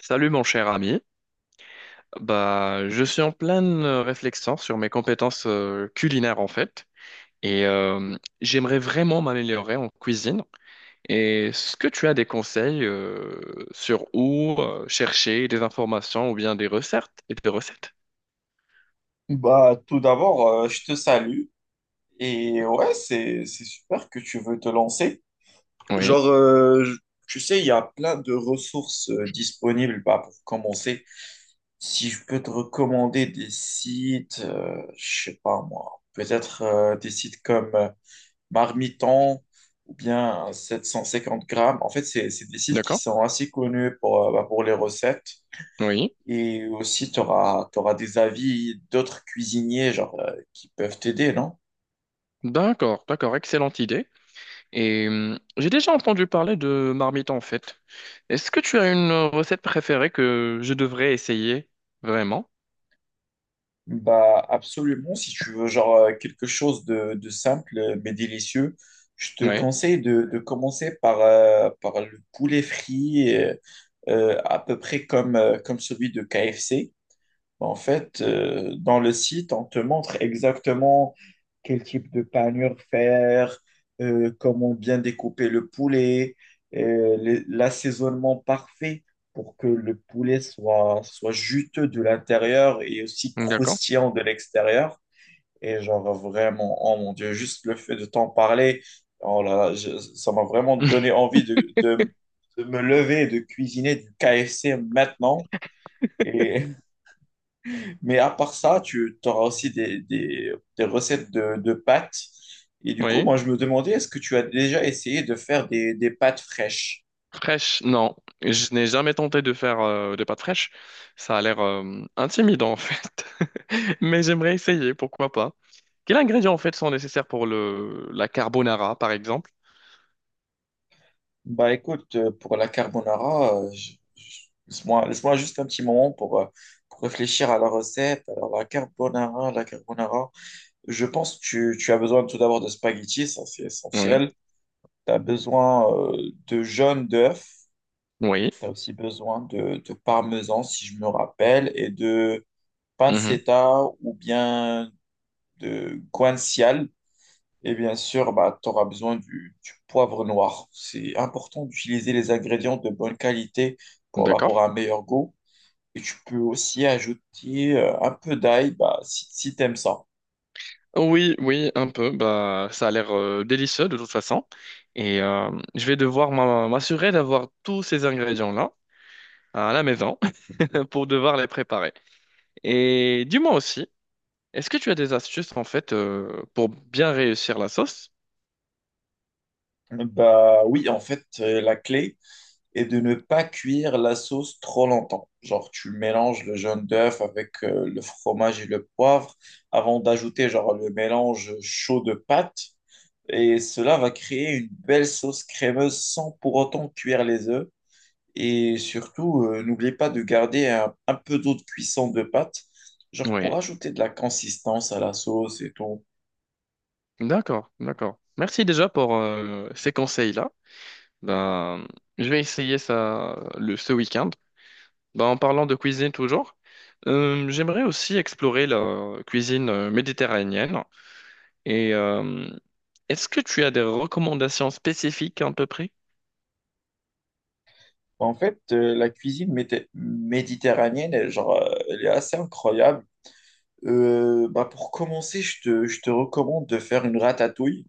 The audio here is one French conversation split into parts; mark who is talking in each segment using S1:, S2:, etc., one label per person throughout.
S1: Salut mon cher ami. Je suis en pleine réflexion sur mes compétences culinaires en fait et j'aimerais vraiment m'améliorer en cuisine. Et Est-ce que tu as des conseils sur où chercher des informations ou bien des recettes et des recettes?
S2: Bah, tout d'abord, je te salue. Et ouais, c'est super que tu veux te lancer.
S1: Oui,
S2: Genre, euh, je- Tu sais, il y a plein de ressources disponibles bah, pour commencer. Si je peux te recommander des sites, je sais pas moi, peut-être des sites comme Marmiton ou bien 750 grammes. En fait, c'est des sites qui
S1: d'accord.
S2: sont assez connus pour, bah, pour les recettes.
S1: Oui.
S2: Et aussi, tu auras, des avis d'autres cuisiniers genre, qui peuvent t'aider, non?
S1: D'accord, d'accord, excellente idée. Et j'ai déjà entendu parler de marmite en fait. Est-ce que tu as une recette préférée que je devrais essayer vraiment?
S2: Bah, absolument. Si tu veux genre, quelque chose de simple mais délicieux, je te
S1: Oui,
S2: conseille de commencer par, par le poulet frit, à peu près comme, comme celui de KFC. En fait, dans le site, on te montre exactement quel type de panure faire, comment bien découper le poulet, l'assaisonnement parfait pour que le poulet soit juteux de l'intérieur et aussi
S1: d'accord.
S2: croustillant de l'extérieur. Et genre vraiment, oh mon Dieu, juste le fait de t'en parler, oh là là, ça m'a vraiment donné envie de me lever et de cuisiner du KFC maintenant. Et mais à part ça, tu auras aussi des recettes de pâtes. Et du coup,
S1: Oui.
S2: moi, je me demandais, est-ce que tu as déjà essayé de faire des pâtes fraîches?
S1: Fraîche, non. Je n'ai jamais tenté de faire des pâtes fraîches. Ça a l'air intimidant, en fait. Mais j'aimerais essayer, pourquoi pas. Quels ingrédients, en fait, sont nécessaires pour la carbonara, par exemple?
S2: Bah écoute, pour la carbonara, laisse-moi juste un petit moment pour réfléchir à la recette. Alors, la carbonara, je pense que tu as besoin tout d'abord de spaghettis, ça c'est
S1: Oui.
S2: essentiel. Tu as besoin de jaune d'œuf,
S1: Oui.
S2: tu as aussi besoin de parmesan, si je me rappelle, et de
S1: Mhm.
S2: pancetta ou bien de guanciale. Et bien sûr, bah, tu auras besoin du poivre noir. C'est important d'utiliser les ingrédients de bonne qualité pour, bah,
S1: D'accord.
S2: pour un meilleur goût. Et tu peux aussi ajouter un peu d'ail bah, si, si tu aimes ça.
S1: Oui, oui, un peu. Bah, ça a l'air délicieux, de toute façon. Et je vais devoir m'assurer d'avoir tous ces ingrédients-là à la maison pour devoir les préparer. Et dis-moi aussi. Est-ce que tu as des astuces en fait pour bien réussir la sauce?
S2: Bah oui, en fait, la clé est de ne pas cuire la sauce trop longtemps. Genre, tu mélanges le jaune d'œuf avec le fromage et le poivre avant d'ajouter genre le mélange chaud de pâtes. Et cela va créer une belle sauce crémeuse sans pour autant cuire les œufs. Et surtout, n'oubliez pas de garder un peu d'eau de cuisson de pâte, genre pour
S1: Oui.
S2: ajouter de la consistance à la sauce et tout.
S1: D'accord, d'accord. Merci déjà pour ces conseils-là. Ben, je vais essayer ça ce week-end. Ben, en parlant de cuisine toujours, j'aimerais aussi explorer la cuisine méditerranéenne. Et est-ce que tu as des recommandations spécifiques à peu près?
S2: En fait, la cuisine méditerranéenne, elle, genre, elle est assez incroyable. Bah pour commencer, je te recommande de faire une ratatouille.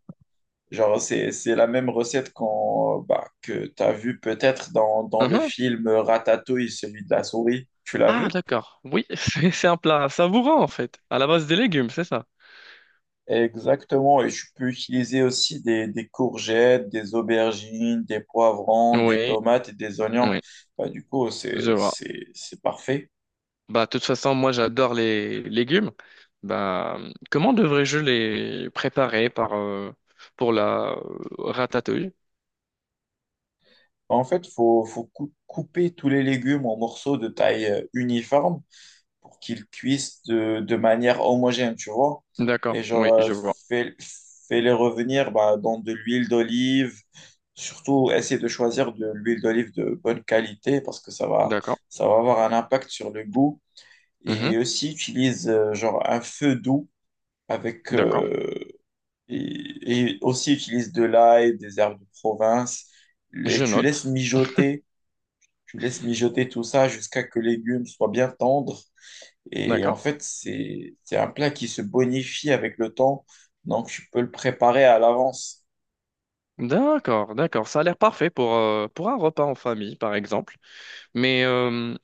S2: Genre, c'est la même recette qu'on, bah, que tu as vue peut-être dans, dans le
S1: Mhm.
S2: film Ratatouille, celui de la souris. Tu l'as
S1: Ah,
S2: vu?
S1: d'accord. Oui, c'est un plat savourant en fait, à la base des légumes, c'est ça?
S2: Exactement, et je peux utiliser aussi des courgettes, des aubergines, des poivrons, des
S1: Oui,
S2: tomates et des oignons.
S1: oui,
S2: Bah, du coup,
S1: je vois.
S2: c'est parfait.
S1: Bah, de toute façon, moi, j'adore les légumes. Bah, comment devrais-je les préparer pour la ratatouille?
S2: Bah, en fait, faut couper tous les légumes en morceaux de taille uniforme pour qu'ils cuisent de manière homogène, tu vois.
S1: D'accord,
S2: Et genre,
S1: oui, je vois.
S2: fais, fais-les revenir bah, dans de l'huile d'olive. Surtout, essaie de choisir de l'huile d'olive de bonne qualité parce que
S1: D'accord.
S2: ça va avoir un impact sur le goût.
S1: Mhm.
S2: Et aussi utilise genre un feu doux avec
S1: D'accord.
S2: et, aussi utilise de l'ail, des herbes de province et
S1: Je note.
S2: tu laisses mijoter tout ça jusqu'à que les légumes soient bien tendres et en
S1: D'accord.
S2: fait c'est un plat qui se bonifie avec le temps donc tu peux le préparer à l'avance.
S1: D'accord, d'accord. Ça a l'air parfait pour un repas en famille, par exemple. Mais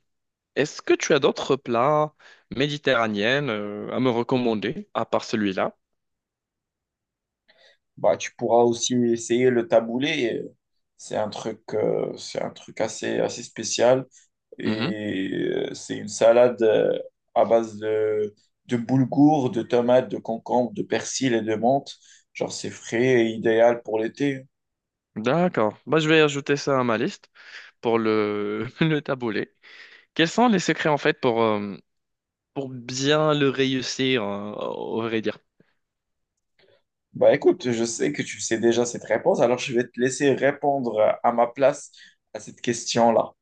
S1: est-ce que tu as d'autres plats méditerranéens à me recommander, à part celui-là?
S2: Bah tu pourras aussi essayer le taboulé, c'est un truc assez spécial.
S1: Mhm.
S2: Et c'est une salade à base de boulgour, de tomates, de concombre, de persil et de menthe. Genre, c'est frais et idéal pour l'été.
S1: D'accord. Bah, je vais ajouter ça à ma liste pour le taboulé. Quels sont les secrets en fait pour bien le réussir, au vrai dire?
S2: Bah écoute, je sais que tu sais déjà cette réponse, alors je vais te laisser répondre à ma place à cette question-là.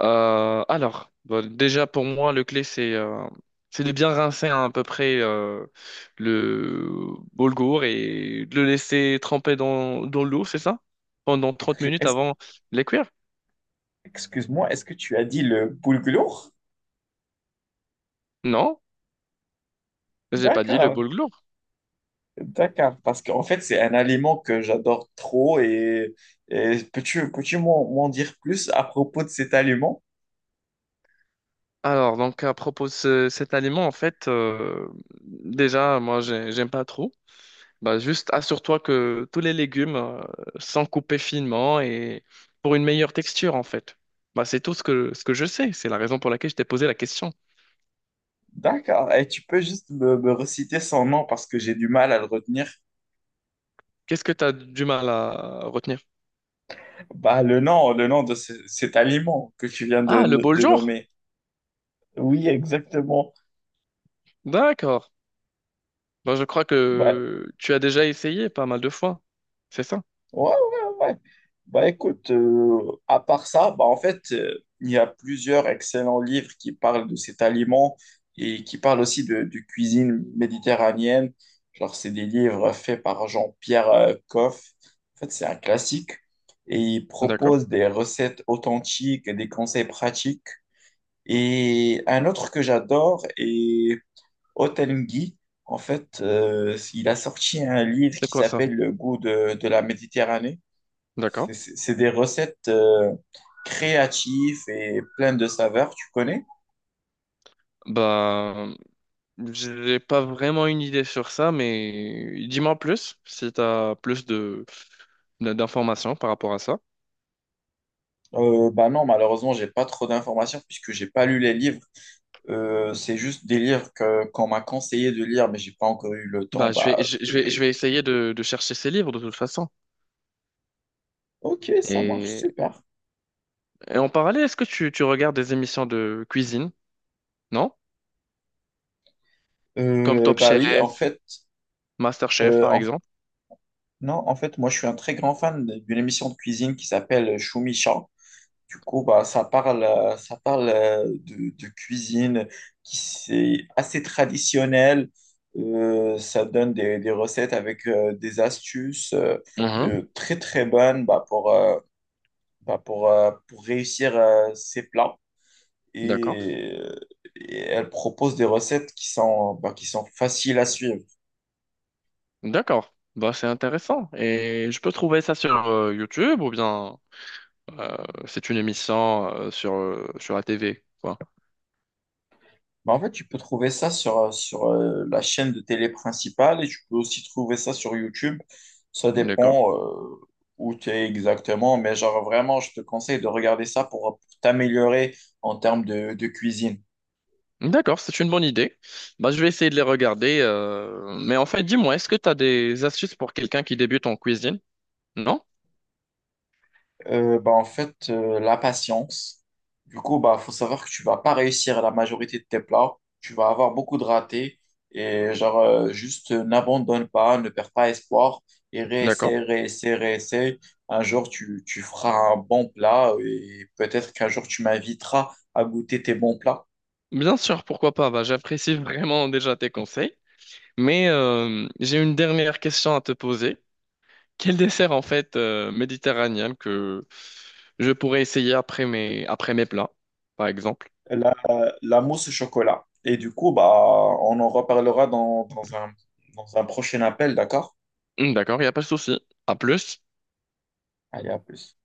S1: Alors, bon, déjà pour moi, le clé c'est de bien rincer à peu près le boulgour et de le laisser tremper dans l'eau, c'est ça? Pendant 30
S2: Excu-
S1: minutes
S2: est-
S1: avant de les cuire?
S2: Excuse-moi, est-ce que tu as dit le boulgour?
S1: Non, j'ai pas dit le
S2: D'accord,
S1: boulgour.
S2: d'accord. Parce qu'en fait, c'est un aliment que j'adore trop et peux-tu m'en dire plus à propos de cet aliment?
S1: Alors, donc à propos de cet aliment, en fait, déjà, j'aime pas trop. Bah, juste assure-toi que tous les légumes sont coupés finement et pour une meilleure texture en fait. Bah, c'est tout ce que je sais. C'est la raison pour laquelle je t'ai posé la question.
S2: D'accord. Et tu peux juste me reciter son nom parce que j'ai du mal à le retenir.
S1: Qu'est-ce que tu as du mal à retenir?
S2: Bah, le nom de cet aliment que tu viens
S1: Ah, le bol
S2: de
S1: jour.
S2: nommer. Oui, exactement.
S1: D'accord. Bon, je crois
S2: Bah,
S1: que tu as déjà essayé pas mal de fois. C'est ça?
S2: ouais, ouais. Bah écoute, à part ça, bah en fait, il y a plusieurs excellents livres qui parlent de cet aliment et qui parlent aussi de cuisine méditerranéenne. Genre, c'est des livres faits par Jean-Pierre Coff. En fait, c'est un classique et il
S1: D'accord.
S2: propose des recettes authentiques et des conseils pratiques. Et un autre que j'adore est Hotel. En fait, il a sorti un livre
S1: C'est
S2: qui
S1: quoi ça?
S2: s'appelle Le goût de la Méditerranée.
S1: D'accord.
S2: C'est des recettes créatives et pleines de saveurs, tu connais?
S1: Bah, j'ai pas vraiment une idée sur ça, mais dis-moi plus si tu as plus de d'informations par rapport à ça.
S2: Bah non, malheureusement, j'ai pas trop d'informations puisque j'ai pas lu les livres. C'est juste des livres que qu'on m'a conseillé de lire, mais j'ai pas encore eu le temps
S1: Bah,
S2: bah, de
S1: je
S2: les.
S1: vais essayer de chercher ces livres de toute façon.
S2: Ok, ça marche,
S1: Et,
S2: super.
S1: et en parallèle, est-ce que tu regardes des émissions de cuisine, non? Comme Top
S2: Bah oui, en
S1: Chef,
S2: fait,
S1: Master Chef,
S2: euh,
S1: par
S2: en-
S1: exemple.
S2: non, en fait, moi, je suis un très grand fan d'une émission de cuisine qui s'appelle Choumicha. Du coup, bah, ça parle de cuisine qui c'est assez traditionnel. Ça donne des recettes avec des astuces
S1: Mhm.
S2: très très bonnes bah, pour réussir ses plats.
S1: D'accord.
S2: Et, euh, et elle propose des recettes qui sont, bah, qui sont faciles à suivre.
S1: D'accord. Bah, c'est intéressant. Et je peux trouver ça sur YouTube ou bien euh, c'est une émission sur la TV, quoi.
S2: Bah, en fait, tu peux trouver ça sur, la chaîne de télé principale et tu peux aussi trouver ça sur YouTube. Ça
S1: D'accord.
S2: dépend où tu es exactement, mais genre vraiment, je te conseille de regarder ça pour t'améliorer en termes de cuisine.
S1: D'accord, c'est une bonne idée. Bah, je vais essayer de les regarder. Mais en fait, dis-moi, est-ce que tu as des astuces pour quelqu'un qui débute en cuisine? Non?
S2: Bah, en fait, la patience. Du coup, bah, faut savoir que tu vas pas réussir la majorité de tes plats. Tu vas avoir beaucoup de ratés. Et genre, juste n'abandonne pas, ne perds pas espoir. Et
S1: D'accord.
S2: réessaie. Un jour, tu feras un bon plat. Et peut-être qu'un jour, tu m'inviteras à goûter tes bons plats.
S1: Bien sûr, pourquoi pas. Bah, j'apprécie vraiment déjà tes conseils. Mais j'ai une dernière question à te poser. Quel dessert en fait méditerranéen que je pourrais essayer après mes plats, par exemple?
S2: La, la mousse au chocolat. Et du coup, bah, on en reparlera dans un prochain appel, d'accord?
S1: D'accord, il n'y a pas de souci. À plus.
S2: Allez, à plus.